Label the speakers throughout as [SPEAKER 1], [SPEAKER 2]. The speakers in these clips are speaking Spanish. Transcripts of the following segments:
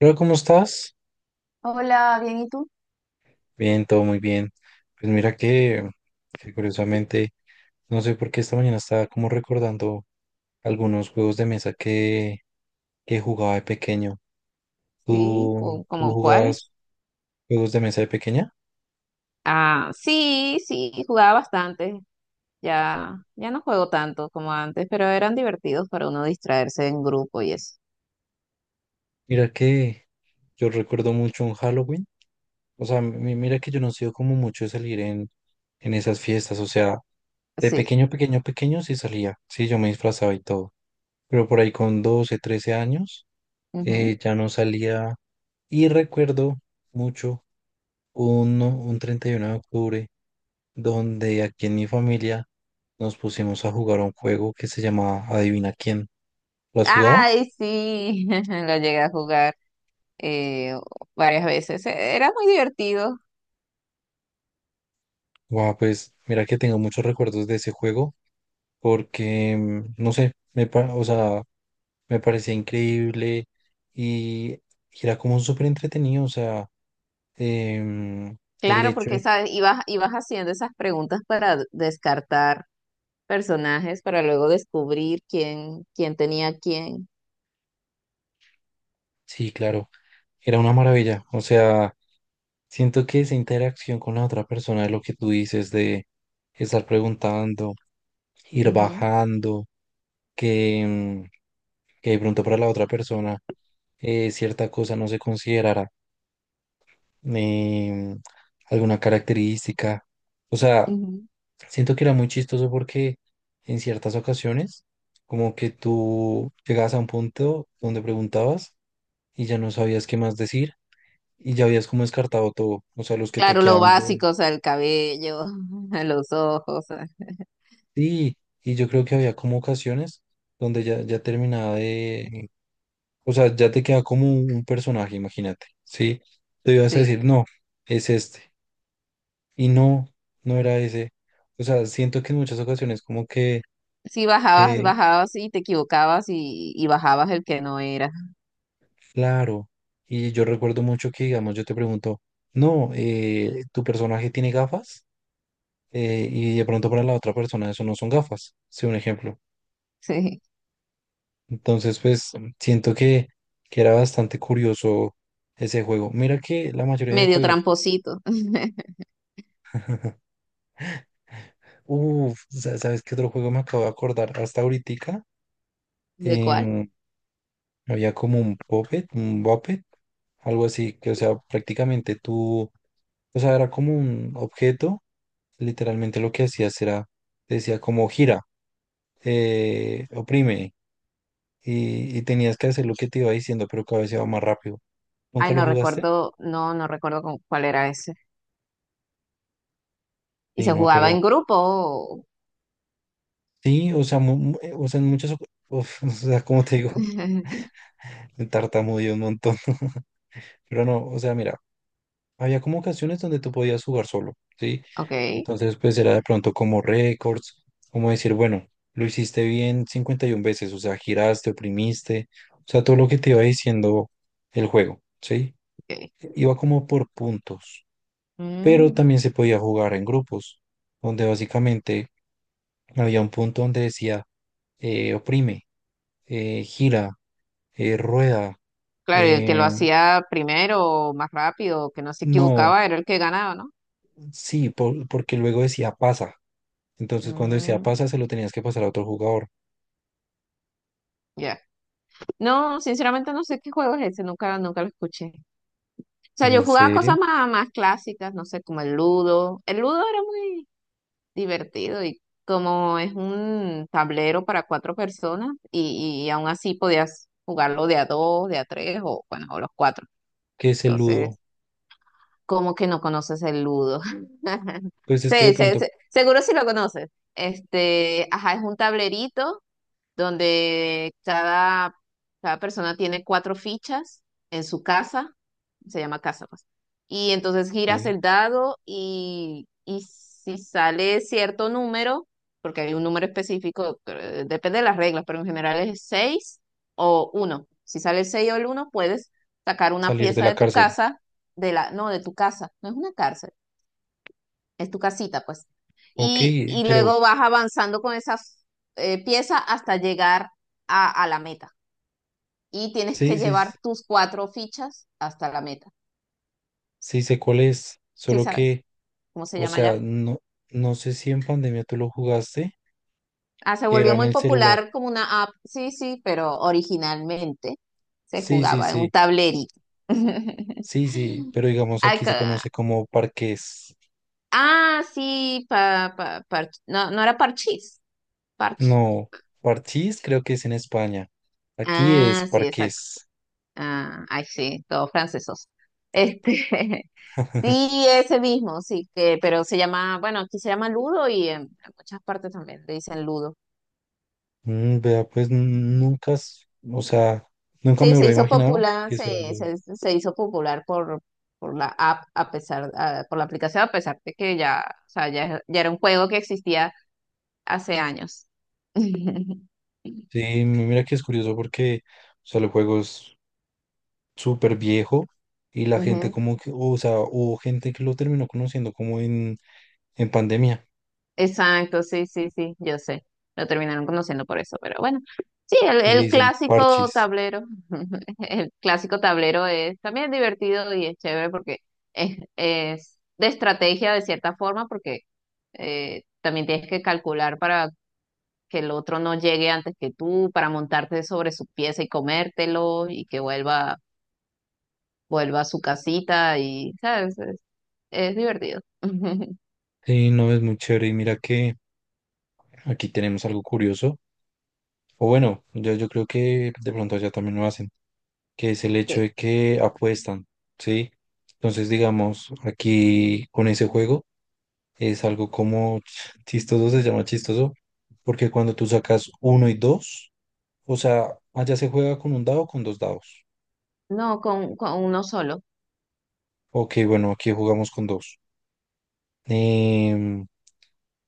[SPEAKER 1] Hola, ¿cómo estás?
[SPEAKER 2] Hola, bien, ¿y tú?
[SPEAKER 1] Bien, todo muy bien. Pues mira que curiosamente, no sé por qué esta mañana estaba como recordando algunos juegos de mesa que jugaba de pequeño.
[SPEAKER 2] Sí,
[SPEAKER 1] ¿Tú, tú
[SPEAKER 2] como cuáles.
[SPEAKER 1] jugabas juegos de mesa de pequeña?
[SPEAKER 2] Ah, sí, sí, jugaba bastante. Ya no juego tanto como antes, pero eran divertidos para uno distraerse en grupo y eso.
[SPEAKER 1] Mira que yo recuerdo mucho un Halloween. O sea, mira que yo no he sido como mucho de salir en esas fiestas. O sea, de
[SPEAKER 2] Sí.
[SPEAKER 1] pequeño, pequeño, pequeño sí salía. Sí, yo me disfrazaba y todo. Pero por ahí con 12, 13 años
[SPEAKER 2] Ujú.
[SPEAKER 1] ya no salía. Y recuerdo mucho un 31 de octubre donde aquí en mi familia nos pusimos a jugar un juego que se llamaba Adivina quién. ¿Lo has jugado?
[SPEAKER 2] Ay, sí, lo llegué a jugar eh, varias veces. Era muy divertido.
[SPEAKER 1] Guau, pues mira que tengo muchos recuerdos de ese juego porque, no sé, o sea, me parecía increíble y era como súper entretenido, o sea, em, el
[SPEAKER 2] Claro,
[SPEAKER 1] hecho
[SPEAKER 2] porque
[SPEAKER 1] de.
[SPEAKER 2] sabes, ibas haciendo esas preguntas para descartar personajes, para luego descubrir quién, quién tenía quién.
[SPEAKER 1] Sí, claro, era una maravilla. O sea, siento que esa interacción con la otra persona, lo que tú dices de estar preguntando, ir
[SPEAKER 2] Ujú,
[SPEAKER 1] bajando, que, mm, que de pronto para la otra persona cierta cosa no se considerara em, alguna característica. O sea,
[SPEAKER 2] ujú.
[SPEAKER 1] siento que era muy chistoso porque en ciertas ocasiones, como que tú llegabas a un punto donde preguntabas y ya no sabías qué más decir y ya habías como descartado todo, o sea, los que te
[SPEAKER 2] Claro, lo
[SPEAKER 1] quedaban.
[SPEAKER 2] básico, o sea, el cabello, los ojos, o sea,
[SPEAKER 1] Sí, y yo creo que había como ocasiones donde ya terminaba de, o sea, ya te queda como un personaje, imagínate, ¿sí? Te ibas a
[SPEAKER 2] sí.
[SPEAKER 1] decir, no, es este, y no, no era ese. O sea, siento que en muchas ocasiones como que,
[SPEAKER 2] Si bajabas,
[SPEAKER 1] que,
[SPEAKER 2] bajabas y te equivocabas y bajabas el que no era,
[SPEAKER 1] claro, y yo recuerdo mucho que, digamos, yo te pregunto, no, tu personaje tiene gafas. Y de pronto para la otra persona eso no son gafas, sí, un ejemplo.
[SPEAKER 2] sí.
[SPEAKER 1] Entonces, pues siento que era bastante curioso ese juego. Mira que la mayoría de
[SPEAKER 2] Medio
[SPEAKER 1] juegos.
[SPEAKER 2] tramposito.
[SPEAKER 1] Uff, ¿sabes qué otro juego me acabo de acordar? Hasta ahorita.
[SPEAKER 2] ¿De cuál?
[SPEAKER 1] Em, había como un Puppet, un Buppet, algo así, que o sea, prácticamente tú, o sea, era como un objeto. Literalmente lo que hacías era, decía como gira, oprime, y tenías que hacer lo que te iba diciendo, pero cada vez iba más rápido. ¿Nunca
[SPEAKER 2] Ay,
[SPEAKER 1] lo
[SPEAKER 2] no
[SPEAKER 1] jugaste?
[SPEAKER 2] recuerdo, no recuerdo con cuál era ese. Y
[SPEAKER 1] Sí,
[SPEAKER 2] se
[SPEAKER 1] no,
[SPEAKER 2] jugaba
[SPEAKER 1] pero.
[SPEAKER 2] en grupo.
[SPEAKER 1] Sí, o sea, o sea, en muchas, uf, o sea, como te digo, me tartamudeé un montón, pero no, o sea, mira, había como ocasiones donde tú podías jugar solo, ¿sí?
[SPEAKER 2] Ok,
[SPEAKER 1] Entonces, pues era de pronto como récords, como decir, bueno, lo hiciste bien 51 veces, o sea, giraste, oprimiste, o sea, todo lo que te iba diciendo el juego, ¿sí?
[SPEAKER 2] ok.
[SPEAKER 1] Iba como por puntos, pero
[SPEAKER 2] Mm.
[SPEAKER 1] también se podía jugar en grupos, donde básicamente había un punto donde decía, oprime, gira, rueda,
[SPEAKER 2] Claro, y el que lo
[SPEAKER 1] eh,
[SPEAKER 2] hacía primero, o más rápido, o que no se
[SPEAKER 1] no,
[SPEAKER 2] equivocaba, era el que ganaba, ¿no?
[SPEAKER 1] sí, porque luego decía pasa. Entonces cuando decía
[SPEAKER 2] Mm,
[SPEAKER 1] pasa se lo tenías que pasar a otro jugador.
[SPEAKER 2] ya. No, sinceramente no sé qué juego es ese, nunca, nunca lo escuché. O sea, yo
[SPEAKER 1] ¿En
[SPEAKER 2] jugaba
[SPEAKER 1] serio?
[SPEAKER 2] cosas más, más clásicas, no sé, como el ludo. El ludo era muy divertido y como es un tablero para cuatro personas y aún así podías jugarlo de a dos, de a tres o bueno, o los cuatro.
[SPEAKER 1] ¿Qué es el ludo?
[SPEAKER 2] Entonces, ¿como que no conoces el ludo?
[SPEAKER 1] Pues es que de
[SPEAKER 2] Sí,
[SPEAKER 1] pronto
[SPEAKER 2] seguro si lo conoces. Este, ajá, es un tablerito donde cada, cada persona tiene cuatro fichas en su casa, se llama casa, pues. Y entonces giras
[SPEAKER 1] puede
[SPEAKER 2] el dado y si sale cierto número, porque hay un número específico, depende de las reglas, pero en general es seis o uno. Si sale el 6 o el uno puedes sacar una
[SPEAKER 1] salir de
[SPEAKER 2] pieza
[SPEAKER 1] la
[SPEAKER 2] de tu
[SPEAKER 1] cárcel.
[SPEAKER 2] casa, de la, no, de tu casa, no es una cárcel, es tu casita, pues.
[SPEAKER 1] Ok,
[SPEAKER 2] Y
[SPEAKER 1] pero
[SPEAKER 2] luego vas avanzando con esa pieza hasta llegar a la meta. Y tienes
[SPEAKER 1] sí,
[SPEAKER 2] que
[SPEAKER 1] sí,
[SPEAKER 2] llevar tus cuatro fichas hasta la meta.
[SPEAKER 1] sí sé cuál es.
[SPEAKER 2] ¿Sí
[SPEAKER 1] Solo
[SPEAKER 2] sabes
[SPEAKER 1] que,
[SPEAKER 2] cómo se
[SPEAKER 1] o
[SPEAKER 2] llama
[SPEAKER 1] sea,
[SPEAKER 2] ya?
[SPEAKER 1] no, no sé si en pandemia tú lo jugaste,
[SPEAKER 2] Ah, se
[SPEAKER 1] que era
[SPEAKER 2] volvió
[SPEAKER 1] en
[SPEAKER 2] muy
[SPEAKER 1] el celular.
[SPEAKER 2] popular como una app, sí, sí, pero originalmente se
[SPEAKER 1] Sí, sí,
[SPEAKER 2] jugaba en un
[SPEAKER 1] sí,
[SPEAKER 2] tablerito.
[SPEAKER 1] sí, sí, pero digamos
[SPEAKER 2] Ay,
[SPEAKER 1] aquí se conoce como parques.
[SPEAKER 2] ah, sí, no, no era parchís, parche.
[SPEAKER 1] No, Parchís creo que es en España. Aquí es
[SPEAKER 2] Ah, sí, exacto.
[SPEAKER 1] Parqués.
[SPEAKER 2] Ah, ay, sí, todos francesos. Este, sí, ese mismo, sí, que, pero se llama, bueno, aquí se llama Ludo y en, muchas partes también le dicen Ludo.
[SPEAKER 1] Vea, pues nunca, o sea, nunca me
[SPEAKER 2] Sí, se
[SPEAKER 1] hubiera
[SPEAKER 2] hizo
[SPEAKER 1] imaginado
[SPEAKER 2] popular,
[SPEAKER 1] que será
[SPEAKER 2] se,
[SPEAKER 1] lo.
[SPEAKER 2] se, se hizo popular por la app, a pesar, ah, por la aplicación, a pesar de que ya, o sea, ya era un juego que existía hace años.
[SPEAKER 1] Sí, mira que es curioso porque, o sea, el juego es súper viejo y la gente
[SPEAKER 2] Ujú.
[SPEAKER 1] como que, o sea, hubo gente que lo terminó conociendo como en pandemia
[SPEAKER 2] Exacto, sí, sí, sí, yo sé. Lo terminaron conociendo por eso, pero bueno. Sí, el,
[SPEAKER 1] y le
[SPEAKER 2] el
[SPEAKER 1] dicen
[SPEAKER 2] clásico
[SPEAKER 1] parchis.
[SPEAKER 2] tablero. El clásico tablero es también divertido y es chévere porque es de estrategia de cierta forma, porque también tienes que calcular para que el otro no llegue antes que tú, para montarte sobre su pieza y comértelo y que vuelva a su casita y, ¿sabes? Es divertido.
[SPEAKER 1] Sí, no, es muy chévere y mira que aquí tenemos algo curioso. O bueno, yo creo que de pronto allá también lo hacen, que es el hecho
[SPEAKER 2] Que...
[SPEAKER 1] de que apuestan, ¿sí? Entonces, digamos, aquí con ese juego es algo como chistoso, se llama chistoso, porque cuando tú sacas uno y dos, o sea, allá se juega con un dado o con dos dados.
[SPEAKER 2] No, con uno solo.
[SPEAKER 1] Ok, bueno, aquí jugamos con dos. Em,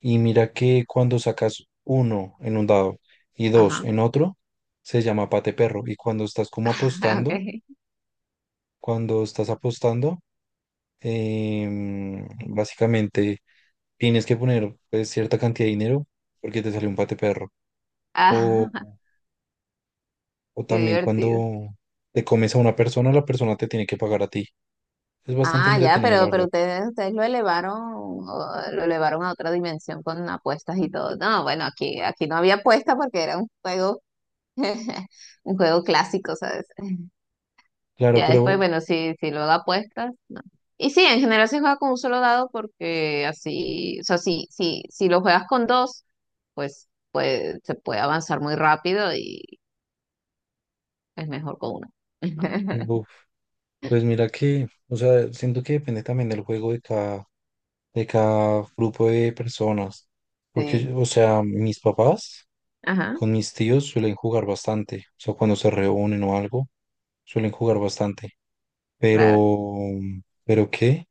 [SPEAKER 1] y mira que cuando sacas uno en un dado y dos
[SPEAKER 2] Ajá.
[SPEAKER 1] en otro, se llama pate perro. Y cuando estás como
[SPEAKER 2] Ah,
[SPEAKER 1] apostando,
[SPEAKER 2] okay.
[SPEAKER 1] cuando estás apostando, em, básicamente tienes que poner pues, cierta cantidad de dinero porque te sale un pate perro.
[SPEAKER 2] Ah,
[SPEAKER 1] O, o
[SPEAKER 2] qué
[SPEAKER 1] también
[SPEAKER 2] divertido.
[SPEAKER 1] cuando te comes a una persona, la persona te tiene que pagar a ti. Es bastante
[SPEAKER 2] Ah, ya,
[SPEAKER 1] entretenido, la
[SPEAKER 2] pero
[SPEAKER 1] verdad.
[SPEAKER 2] ustedes lo elevaron, lo elevaron a otra dimensión con apuestas y todo. No, bueno, aquí, aquí no había apuesta porque era un juego, un juego clásico, ¿sabes?
[SPEAKER 1] Claro,
[SPEAKER 2] Ya
[SPEAKER 1] pero
[SPEAKER 2] después, bueno, si, si luego apuestas, no. Y sí, en general se juega con un solo dado porque así, o sea, si lo juegas con dos, pues, pues se puede avanzar muy rápido y es mejor con uno.
[SPEAKER 1] buf, pues mira que, o sea, siento que depende también del juego de cada grupo de personas. Porque,
[SPEAKER 2] Sí,
[SPEAKER 1] o sea, mis papás
[SPEAKER 2] ajá,
[SPEAKER 1] con mis tíos suelen jugar bastante. O sea, cuando se reúnen o algo, suelen jugar bastante. Pero,
[SPEAKER 2] claro.
[SPEAKER 1] ¿Pero qué?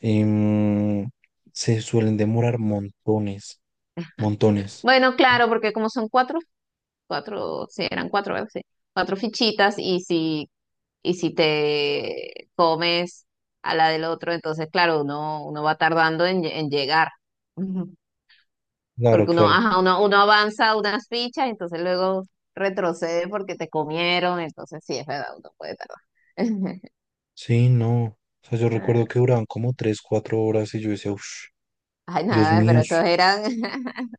[SPEAKER 1] Em, se suelen demorar montones, montones.
[SPEAKER 2] Bueno, claro, porque como son cuatro, cuatro, sí, eran cuatro, ¿verdad? Sí, cuatro fichitas y si te comes a la del otro, entonces, claro, uno, uno va tardando en, en llegar. Ujú.
[SPEAKER 1] Claro,
[SPEAKER 2] Porque uno,
[SPEAKER 1] claro.
[SPEAKER 2] ajá, uno, uno avanza unas fichas, entonces luego retrocede porque te comieron, entonces sí, es verdad, uno puede tardar.
[SPEAKER 1] Sí, no. O sea, yo recuerdo
[SPEAKER 2] Ah,
[SPEAKER 1] que duraban como 3, 4 horas y yo decía, uff,
[SPEAKER 2] ay,
[SPEAKER 1] Dios
[SPEAKER 2] nada,
[SPEAKER 1] mío,
[SPEAKER 2] pero estos eran,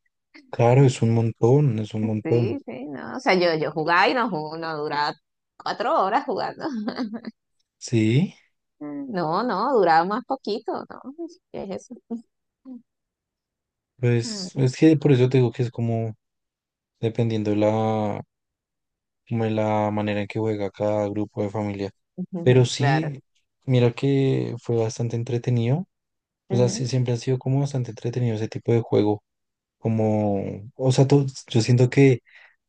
[SPEAKER 1] claro, es un montón, es un montón.
[SPEAKER 2] sí, sí, no, o sea, yo jugaba y no, no duraba cuatro horas jugando.
[SPEAKER 1] Sí,
[SPEAKER 2] No, no, duraba más poquito, ¿no? ¿Qué es eso? Mm.
[SPEAKER 1] pues es que por eso te digo que es como dependiendo de la, como de la manera en que juega cada grupo de familia. Pero
[SPEAKER 2] Ujú, claro.
[SPEAKER 1] sí, mira que fue bastante entretenido. O sea, sí,
[SPEAKER 2] Ujú.
[SPEAKER 1] siempre ha sido como bastante entretenido ese tipo de juego, como, o sea, yo siento que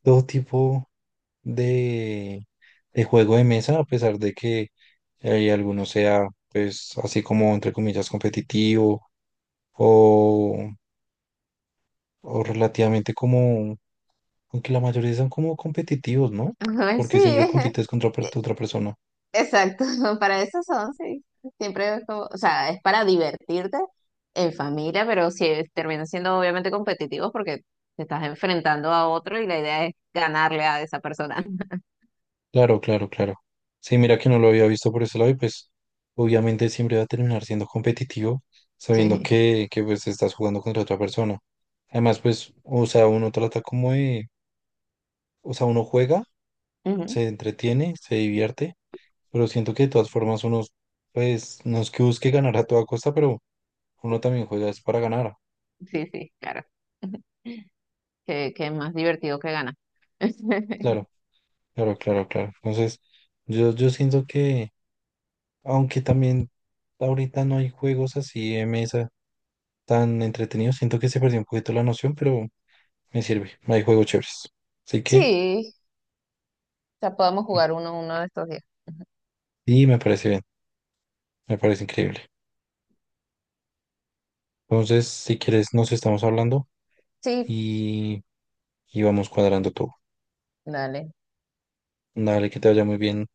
[SPEAKER 1] todo tipo de, de juego de mesa, a pesar de que alguno sea, pues, así como, entre comillas, competitivo o, o, relativamente como, aunque la mayoría son como competitivos, ¿no?
[SPEAKER 2] Ay, sí,
[SPEAKER 1] Porque siempre compites contra
[SPEAKER 2] e-
[SPEAKER 1] otra persona.
[SPEAKER 2] exacto. Para eso son, sí. Siempre es como, o sea, es para divertirte en familia, pero sí termina siendo obviamente competitivos porque te estás enfrentando a otro y la idea es ganarle a esa persona.
[SPEAKER 1] Claro, claro, claro. Sí, mira que no lo había visto por ese lado y pues obviamente siempre va a terminar siendo competitivo sabiendo
[SPEAKER 2] Sí,
[SPEAKER 1] que pues estás jugando contra otra persona. Además, pues, o sea, uno trata como de, o sea, uno juega,
[SPEAKER 2] ujú,
[SPEAKER 1] se entretiene, se divierte, pero siento que de todas formas uno, pues, no es que busque ganar a toda costa, pero uno también juega es para ganar.
[SPEAKER 2] sí, sí, claro. Que es más divertido que ganar.
[SPEAKER 1] Claro, claro, claro, claro. Entonces, yo siento que, aunque también ahorita no hay juegos así de mesa tan entretenido. Siento que se perdió un poquito la noción, pero me sirve. Hay juegos chéveres. Así que,
[SPEAKER 2] Sí, ya podemos jugar uno de estos días.
[SPEAKER 1] sí, me parece bien. Me parece increíble. Entonces, si quieres, nos estamos hablando
[SPEAKER 2] Sí,
[SPEAKER 1] y, y vamos cuadrando todo.
[SPEAKER 2] dale.
[SPEAKER 1] Dale, que te vaya muy bien.